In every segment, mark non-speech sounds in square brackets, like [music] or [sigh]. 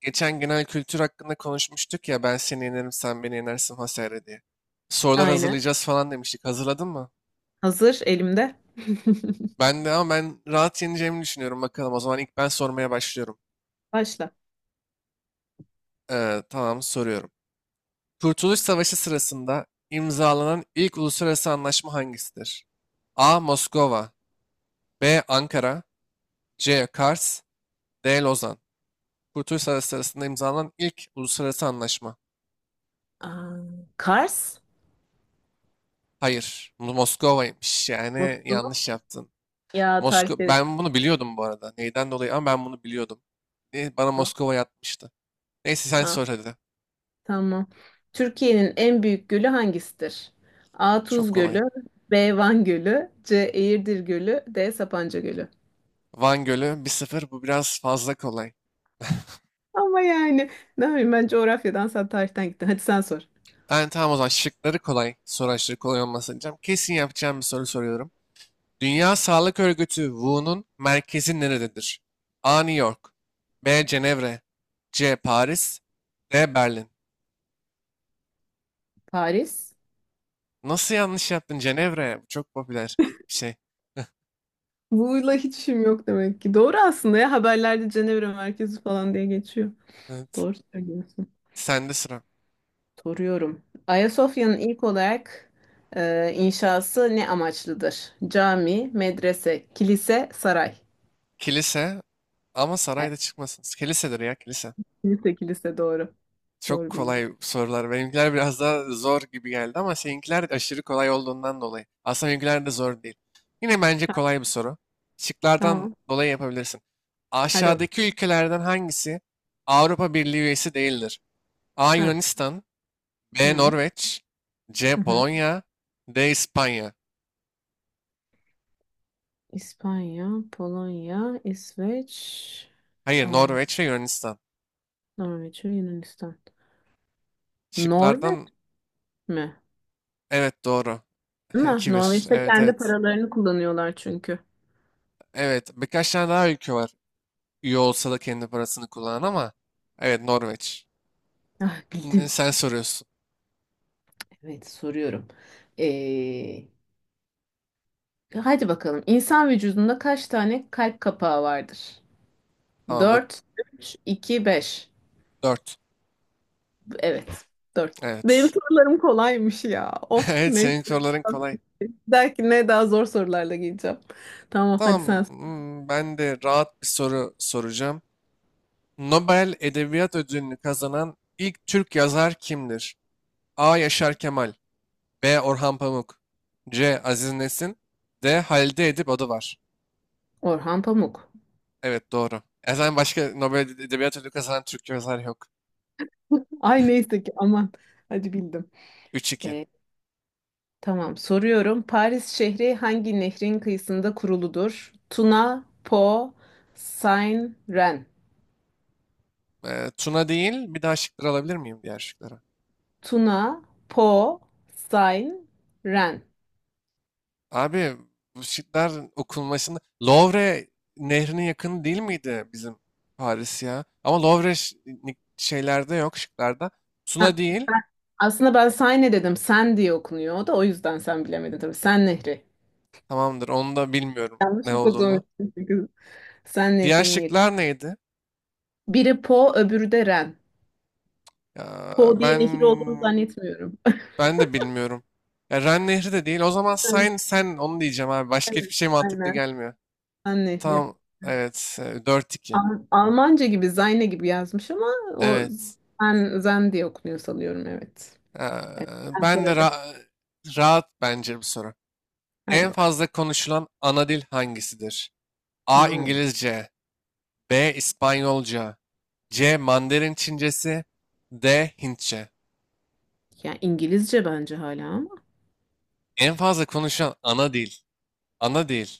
Geçen genel kültür hakkında konuşmuştuk ya, ben seni yenerim sen beni yenersin vesaire diye. Sorular Aynen. hazırlayacağız falan demiştik. Hazırladın mı? Hazır elimde. [laughs] Ben de, ama ben rahat yeneceğimi düşünüyorum, bakalım. O zaman ilk ben sormaya başlıyorum. Başla. Tamam, soruyorum. Kurtuluş Savaşı sırasında imzalanan ilk uluslararası anlaşma hangisidir? A. Moskova, B. Ankara, C. Kars, D. Lozan. Kurtuluş Savaşı sırasında imzalanan ilk uluslararası anlaşma. Aa, Kars. Hayır, Moskova'ymış. Yani Nasıl? yanlış yaptın. Ya Moskova, tarifleri ben bunu biliyordum bu arada. Neyden dolayı ama ben bunu biliyordum. Bana var. Moskova yatmıştı. Neyse, sen Aa, sor hadi. tamam. Türkiye'nin en büyük gölü hangisidir? A. Çok Tuz Gölü. kolay. B. Van Gölü. C. Eğirdir Gölü. D. Sapanca Gölü. Van Gölü, 1-0. Bu biraz fazla kolay. Ama yani ne bileyim, ben coğrafyadan sen tarihten gittin. Hadi sen sor. Ben, tamam o zaman, şıkları kolay. Soru aşırı kolay olmasın diyeceğim. Kesin yapacağım bir soru soruyorum. Dünya Sağlık Örgütü WHO'nun merkezi nerededir? A. New York, B. Cenevre, C. Paris, D. Berlin. Paris. Nasıl yanlış yaptın, Cenevre? Bu çok popüler bir şey. [laughs] Bu'yla hiç işim yok demek ki. Doğru aslında, ya haberlerde Cenevre merkezi falan diye geçiyor. Evet. Doğru söylüyorsun. Sende sıra. Soruyorum. Ayasofya'nın ilk olarak inşası ne amaçlıdır? Cami, medrese, kilise, saray. Kilise, ama Evet, sarayda çıkmasın. Kilisedir ya, kilise. kilise, kilise doğru. Çok Doğru bildim. kolay sorular. Benimkiler biraz daha zor gibi geldi ama seninkiler aşırı kolay olduğundan dolayı. Aslında benimkiler de zor değil. Yine bence kolay bir soru. Şıklardan Tamam. dolayı yapabilirsin. Hadi bakalım. Aşağıdaki ülkelerden hangisi Avrupa Birliği üyesi değildir? A. Ha. Yunanistan, B. Hı. Norveç, C. Hı hı. Polonya, D. İspanya. İspanya, Polonya, İsveç, Hayır, aa, Norveç ve Yunanistan. Norveç ve Yunanistan. Norveç Şıklardan, mi? evet, doğru. [laughs] Ama 2 bir. Norveç'te Evet, kendi evet. paralarını kullanıyorlar çünkü. Evet, birkaç tane daha ülke var. Üye olsa da kendi parasını kullanan ama. Evet, Norveç. Ah, bildim. Sen soruyorsun. Evet, soruyorum. Ee, Hadi bakalım. İnsan vücudunda kaç tane kalp kapağı vardır? Tamamdır. 4, 3, 2, 5. Dört. Evet, dört. Benim Evet. [laughs] sorularım kolaymış ya. Of Evet, ne. senin soruların kolay. Belki ne daha zor sorularla geleceğim. Tamam, hadi sen Tamam, sor. Ben de rahat bir soru soracağım. Nobel Edebiyat Ödülünü kazanan ilk Türk yazar kimdir? A. Yaşar Kemal, B. Orhan Pamuk, C. Aziz Nesin, D. Halide Edip Adıvar. Orhan Pamuk. Evet, doğru. E zaten başka Nobel Edebiyat Ödülü kazanan Türk yazar yok. [laughs] Ay neyse ki aman. Hadi bildim. 3-2. Ee, tamam, soruyorum. Paris şehri hangi nehrin kıyısında kuruludur? Tuna, Po, Seine, Ren. Tuna değil. Bir daha şıkları alabilir miyim, diğer şıkları? Tuna, Po, Seine, Ren. Abi, bu şıklar okunmasında Louvre nehrinin yakını değil miydi bizim, Paris ya? Ama Louvre şeylerde yok, şıklarda. Tuna Sen- değil, sen- aslında ben Sayne dedim. Sen diye okunuyor. O da o yüzden sen bilemedin tabii. Sen Nehri. tamamdır. Onu da bilmiyorum Yanlış ne okuduğum olduğunu. için, çünkü Sen Diğer Nehri'nin yeri. şıklar neydi? Biri Po, öbürü de Ren. Ya Po diye ben nehir olduğunu zannetmiyorum. [laughs] ben de bilmiyorum. Ya, Ren nehri de değil o zaman. Evet, Sen onu diyeceğim abi, başka hiçbir evet, şey mantıklı aynen. gelmiyor. Sen Nehri. Tamam, evet, 4-2. Almanca gibi, Zayne gibi yazmış, ama o Evet. Zen, Zen diye okunuyor sanıyorum. Evet. Ee, Evet. Sen sor ben de hadi. ra- rahat bence bu soru. Hadi En bakalım. fazla konuşulan ana dil hangisidir? A. Aa, İngilizce, B. İspanyolca, C. Mandarin Çincesi, D. Hintçe. ya İngilizce bence hala, ama En fazla konuşulan ana dil. Ana dil.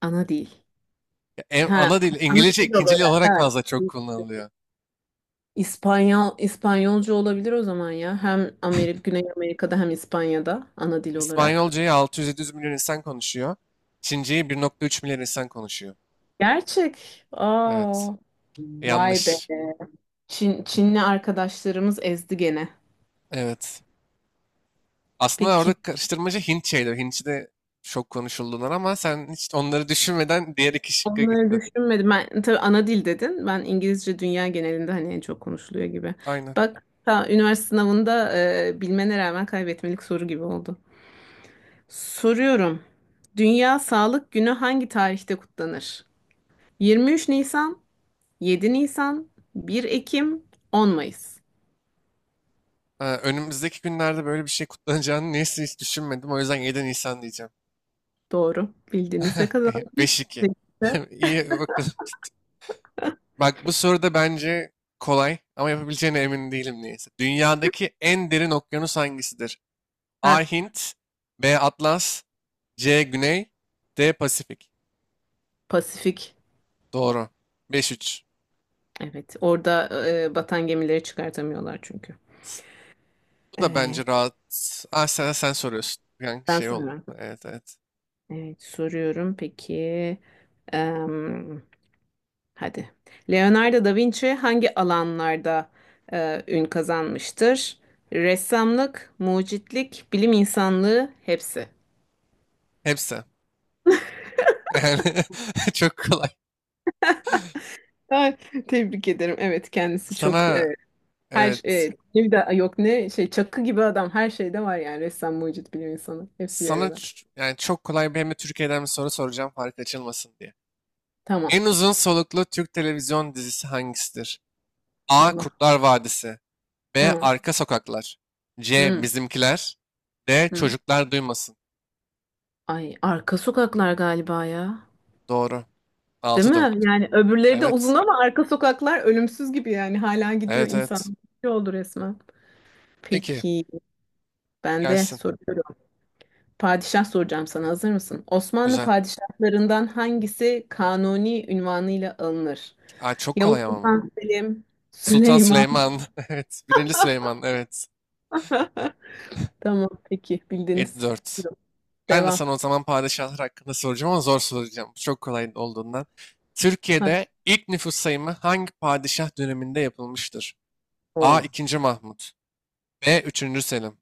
ana değil. Ya Ha, ana dil ana İngilizce, dil ikinci dil olarak. olarak Ha. fazla çok kullanılıyor. İspanyolca olabilir o zaman ya. Hem Amerika, Güney Amerika'da, hem İspanya'da ana dil olarak. İspanyolcayı 600-700 milyon insan konuşuyor. Çinceyi 1,3 milyar insan konuşuyor. Gerçek. Evet. Aa, vay be. Yanlış. Çinli arkadaşlarımız ezdi gene. Evet. Aslında orada Peki. karıştırmacı Hint şeyleri. Hintçi de çok konuşuldular ama sen hiç onları [laughs] düşünmeden diğer iki şıkka Onları gittin. düşünmedim. Ben tabii ana dil dedin. Ben İngilizce dünya genelinde hani en çok konuşuluyor gibi. Aynen. Bak, ta üniversite sınavında bilmene rağmen kaybetmelik soru gibi oldu. Soruyorum. Dünya Sağlık Günü hangi tarihte kutlanır? 23 Nisan, 7 Nisan, 1 Ekim, 10 Mayıs. Ha, önümüzdeki günlerde böyle bir şey kutlanacağını, neyse, hiç düşünmedim. O yüzden 7 Nisan diyeceğim. Doğru. Bildiniz ve [laughs] kazandınız. 5-2. Tebrikler. [laughs] İyi, bakalım. Bak bu soru da bence kolay, ama yapabileceğine emin değilim, neyse. Dünyadaki en derin okyanus hangisidir? A. Ha, Hint, B. Atlas, C. Güney, D. Pasifik. Pasifik. Doğru. 5-3. Evet. Orada batan gemileri çıkartamıyorlar çünkü. Bu da bence Evet. rahat. Ah, sen, soruyorsun. Yani Ben şey oldu. sana. Evet, evet. Evet, soruyorum. Peki. em, hadi. Leonardo da Vinci hangi alanlarda ün kazanmıştır? Ressamlık, mucitlik, bilim insanlığı, hepsi. Hepsi. Yani [laughs] çok kolay. Ay, tebrik ederim. Evet, kendisi çok. Sana, Her evet. Bir de yok, ne şey, çakı gibi adam, her şeyde var yani ressam, mucit, bilim insanı hepsi bir Sana arada. Yani çok kolay bir, hem de Türkiye'den bir soru soracağım fark açılmasın diye. Tamam. En uzun soluklu Türk televizyon dizisi hangisidir? A. Allah. Kurtlar Vadisi, B. Hı, Arka Sokaklar, C. hı, Bizimkiler, D. hı. Çocuklar Duymasın. Ay, arka sokaklar galiba ya. Doğru. Değil Altı mi? dört. Yani öbürleri de uzun, Evet. ama arka sokaklar ölümsüz gibi, yani hala gidiyor Evet, insan. evet. Ne oldu resmen. Peki, Peki, ben de gelsin. soruyorum. Padişah soracağım, sana hazır mısın? Osmanlı Güzel. padişahlarından hangisi kanuni ünvanıyla alınır? Aa, çok Yavuz kolay ama bu. Sultan Selim, Sultan Süleyman. Süleyman. [laughs] Evet. Birinci Süleyman. Evet. [laughs] Tamam peki, bildiniz. 7-4. Ben de Devam. sana o zaman padişahlar hakkında soracağım, ama zor soracağım. Bu çok kolay olduğundan. Heh. Türkiye'de ilk nüfus sayımı hangi padişah döneminde yapılmıştır? A. Oo. 2. Mahmut, B. Üçüncü Selim,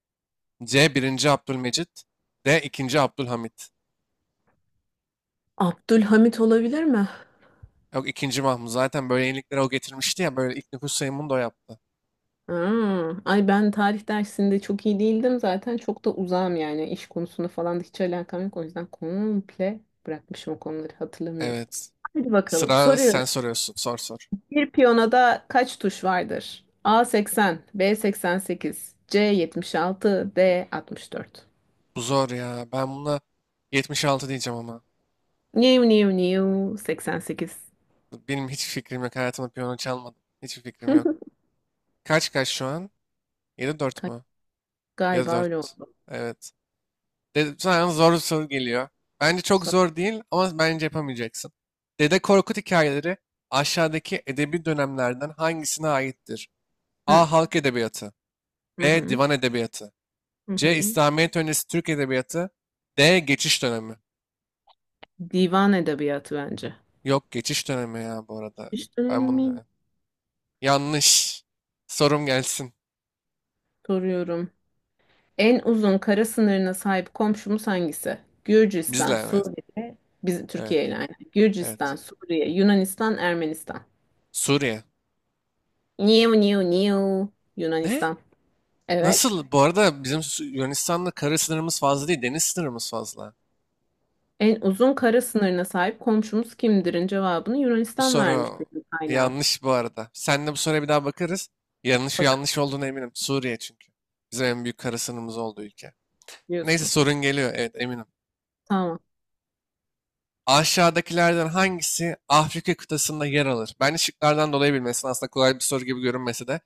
C. Birinci Abdülmecit, D. 2. Abdülhamit. Abdülhamit olabilir mi? Yok, 2. Mahmut. Zaten böyle yeniliklere o getirmişti ya. Böyle ilk nüfus sayımını da o yaptı. Hmm. Ay ben tarih dersinde çok iyi değildim, zaten çok da uzağım yani iş konusunda falan da hiç alakam yok, o yüzden komple bırakmışım, o konuları hatırlamıyorum. Evet. Hadi bakalım, Sıra soruyorum. sen soruyorsun. Sor, sor. Bir piyonada kaç tuş vardır? A 80, B 88, C 76, D 64. Bu zor ya. Ben buna 76 diyeceğim ama. New new new 88. Benim hiç fikrim yok. Hayatımda piyano çalmadım. Hiçbir fikrim yok. [laughs] Kaç kaç şu an? Yedi dört Ka- mu? Yedi Galiba öyle dört. oldu. Evet. De sana zor bir soru geliyor. Bence çok Sor- zor değil, ama bence yapamayacaksın. Dede Korkut hikayeleri aşağıdaki edebi dönemlerden hangisine aittir? Hı A. Halk edebiyatı, hı. B. Hı. Divan edebiyatı, Hı C. hı. İslamiyet öncesi Türk edebiyatı, D. Geçiş dönemi. Divan edebiyatı bence. Yok, geçiş dönemi ya bu arada. İşte emin Ben bunu, miyim? evet. Yanlış. Sorum gelsin. Soruyorum. En uzun kara sınırına sahip komşumuz hangisi? Bizle, Gürcistan, evet. Suriye, bizim Evet. Türkiye ile aynı. Evet. Gürcistan, Suriye, Yunanistan, Ermenistan. Suriye. Niu niu niu. Ne? Yunanistan. Evet. Nasıl? Bu arada bizim, Yunanistan'la kara sınırımız fazla değil, deniz sınırımız fazla. En uzun kara sınırına sahip komşumuz kimdir'in cevabını Bu Yunanistan vermiş soru benim kaynağım. yanlış bu arada. Seninle bu soruya bir daha bakarız. Yanlış, Bakın yanlış olduğuna eminim. Suriye çünkü. Bizim en büyük kara sınırımız olduğu ülke. Neyse, diyorsun. sorun geliyor. Evet, eminim. Tamam. Aşağıdakilerden hangisi Afrika kıtasında yer alır? Ben şıklardan dolayı bilmesin. Aslında kolay bir soru gibi görünmese de.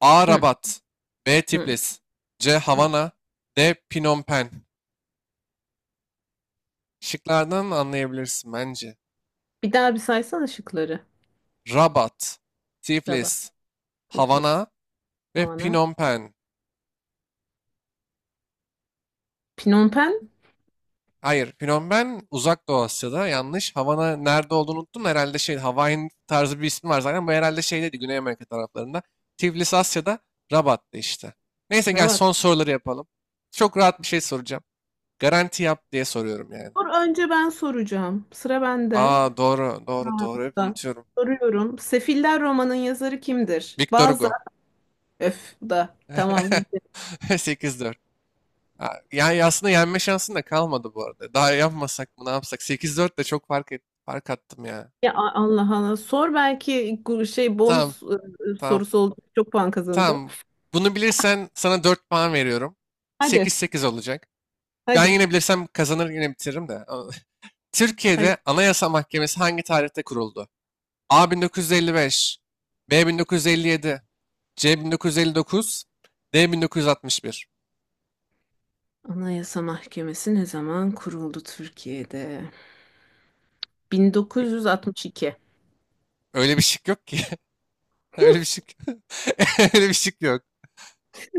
A. Hı, Rabat, B. hı, Tiflis, C. hı. Havana, D. Phnom Penh. Şıklardan anlayabilirsin bence. Bir daha bir saysana şıkları. Rabat, Tiflis, Rabat. Havana Tiflis. ve Havana. Phnom Penh. Phnom Penh. Hayır, Phnom Penh Uzak Doğu Asya'da. Yanlış. Havana nerede olduğunu unuttum. Herhalde şey, Hawaiian tarzı bir ismi var zaten. Bu herhalde şeydeydi, Güney Amerika taraflarında. Tiflis Asya'da, Rabat'ta işte. Neyse, gel Rabat. son soruları yapalım. Çok rahat bir şey soracağım. Garanti yap diye soruyorum yani. Dur, önce ben soracağım. Sıra bende. Aa, doğru, Ha. doğru, doğru. Hep Da. unutuyorum. Soruyorum. Sefiller romanın yazarı kimdir? Victor Bazı Hugo. öf, da tamam bildim. [laughs] 8-4. Ha, yani aslında yenme şansın da kalmadı bu arada. Daha yapmasak mı, ne yapsak? 8-4 de çok fark, et, fark attım ya. Ya Allah Allah sor, belki şey Tamam, bonus tamam, sorusu oldu. Çok puan kazanacağım. tamam. Bunu bilirsen sana 4 puan veriyorum. Hadi 8-8 olacak. Ben hadi. yine bilirsem kazanır, yine bitiririm de. [laughs] Hadi. Türkiye'de Anayasa Mahkemesi hangi tarihte kuruldu? A 1955, B 1957, C 1959, D 1961. Anayasa Mahkemesi ne zaman kuruldu Türkiye'de? 1962. Öyle bir şık yok ki. [laughs] Öyle bir şık. [laughs] Öyle bir şık yok.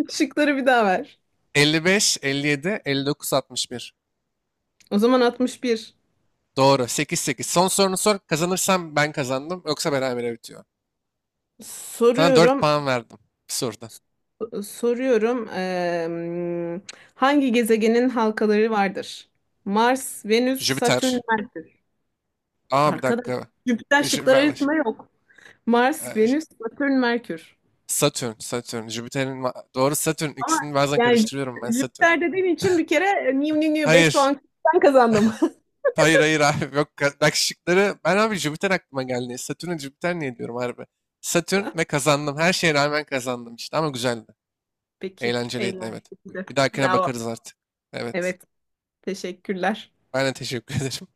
Şıkları bir daha ver. 55, 57, 59, 61. O zaman 61. Doğru. 8, 8. Son sorunu sor. Kazanırsam ben kazandım. Yoksa berabere bitiyor. Sana 4 Soruyorum. puan verdim. Bir soruda. Soruyorum, hangi gezegenin halkaları vardır? Mars, Venüs, Satürn, Jüpiter. Merkür. Aa, bir Arkadaş, dakika. Jüpiter şıklar Ver. arasında yok. Mars, Ee, Venüs, Satürn, Merkür. Satürn. Satürn. Jüpiter'in, doğru, Satürn. Ama İkisini bazen yani karıştırıyorum ben, Satürn. Jüpiter dediğin için bir kere e, new new new 5 Hayır. puan ben kazandım. Hayır, hayır abi. Yok, bak şıkları. Ben abi Jüpiter aklıma geldi. Satürn'e Jüpiter niye diyorum harbi. Satürn, ve kazandım. Her şeye rağmen kazandım işte. Ama güzeldi. [laughs] Peki, Eğlenceliydi, evet. eğlenceli. Bir dahakine Bravo. bakarız artık. Evet. Evet, teşekkürler. Aynen, teşekkür ederim.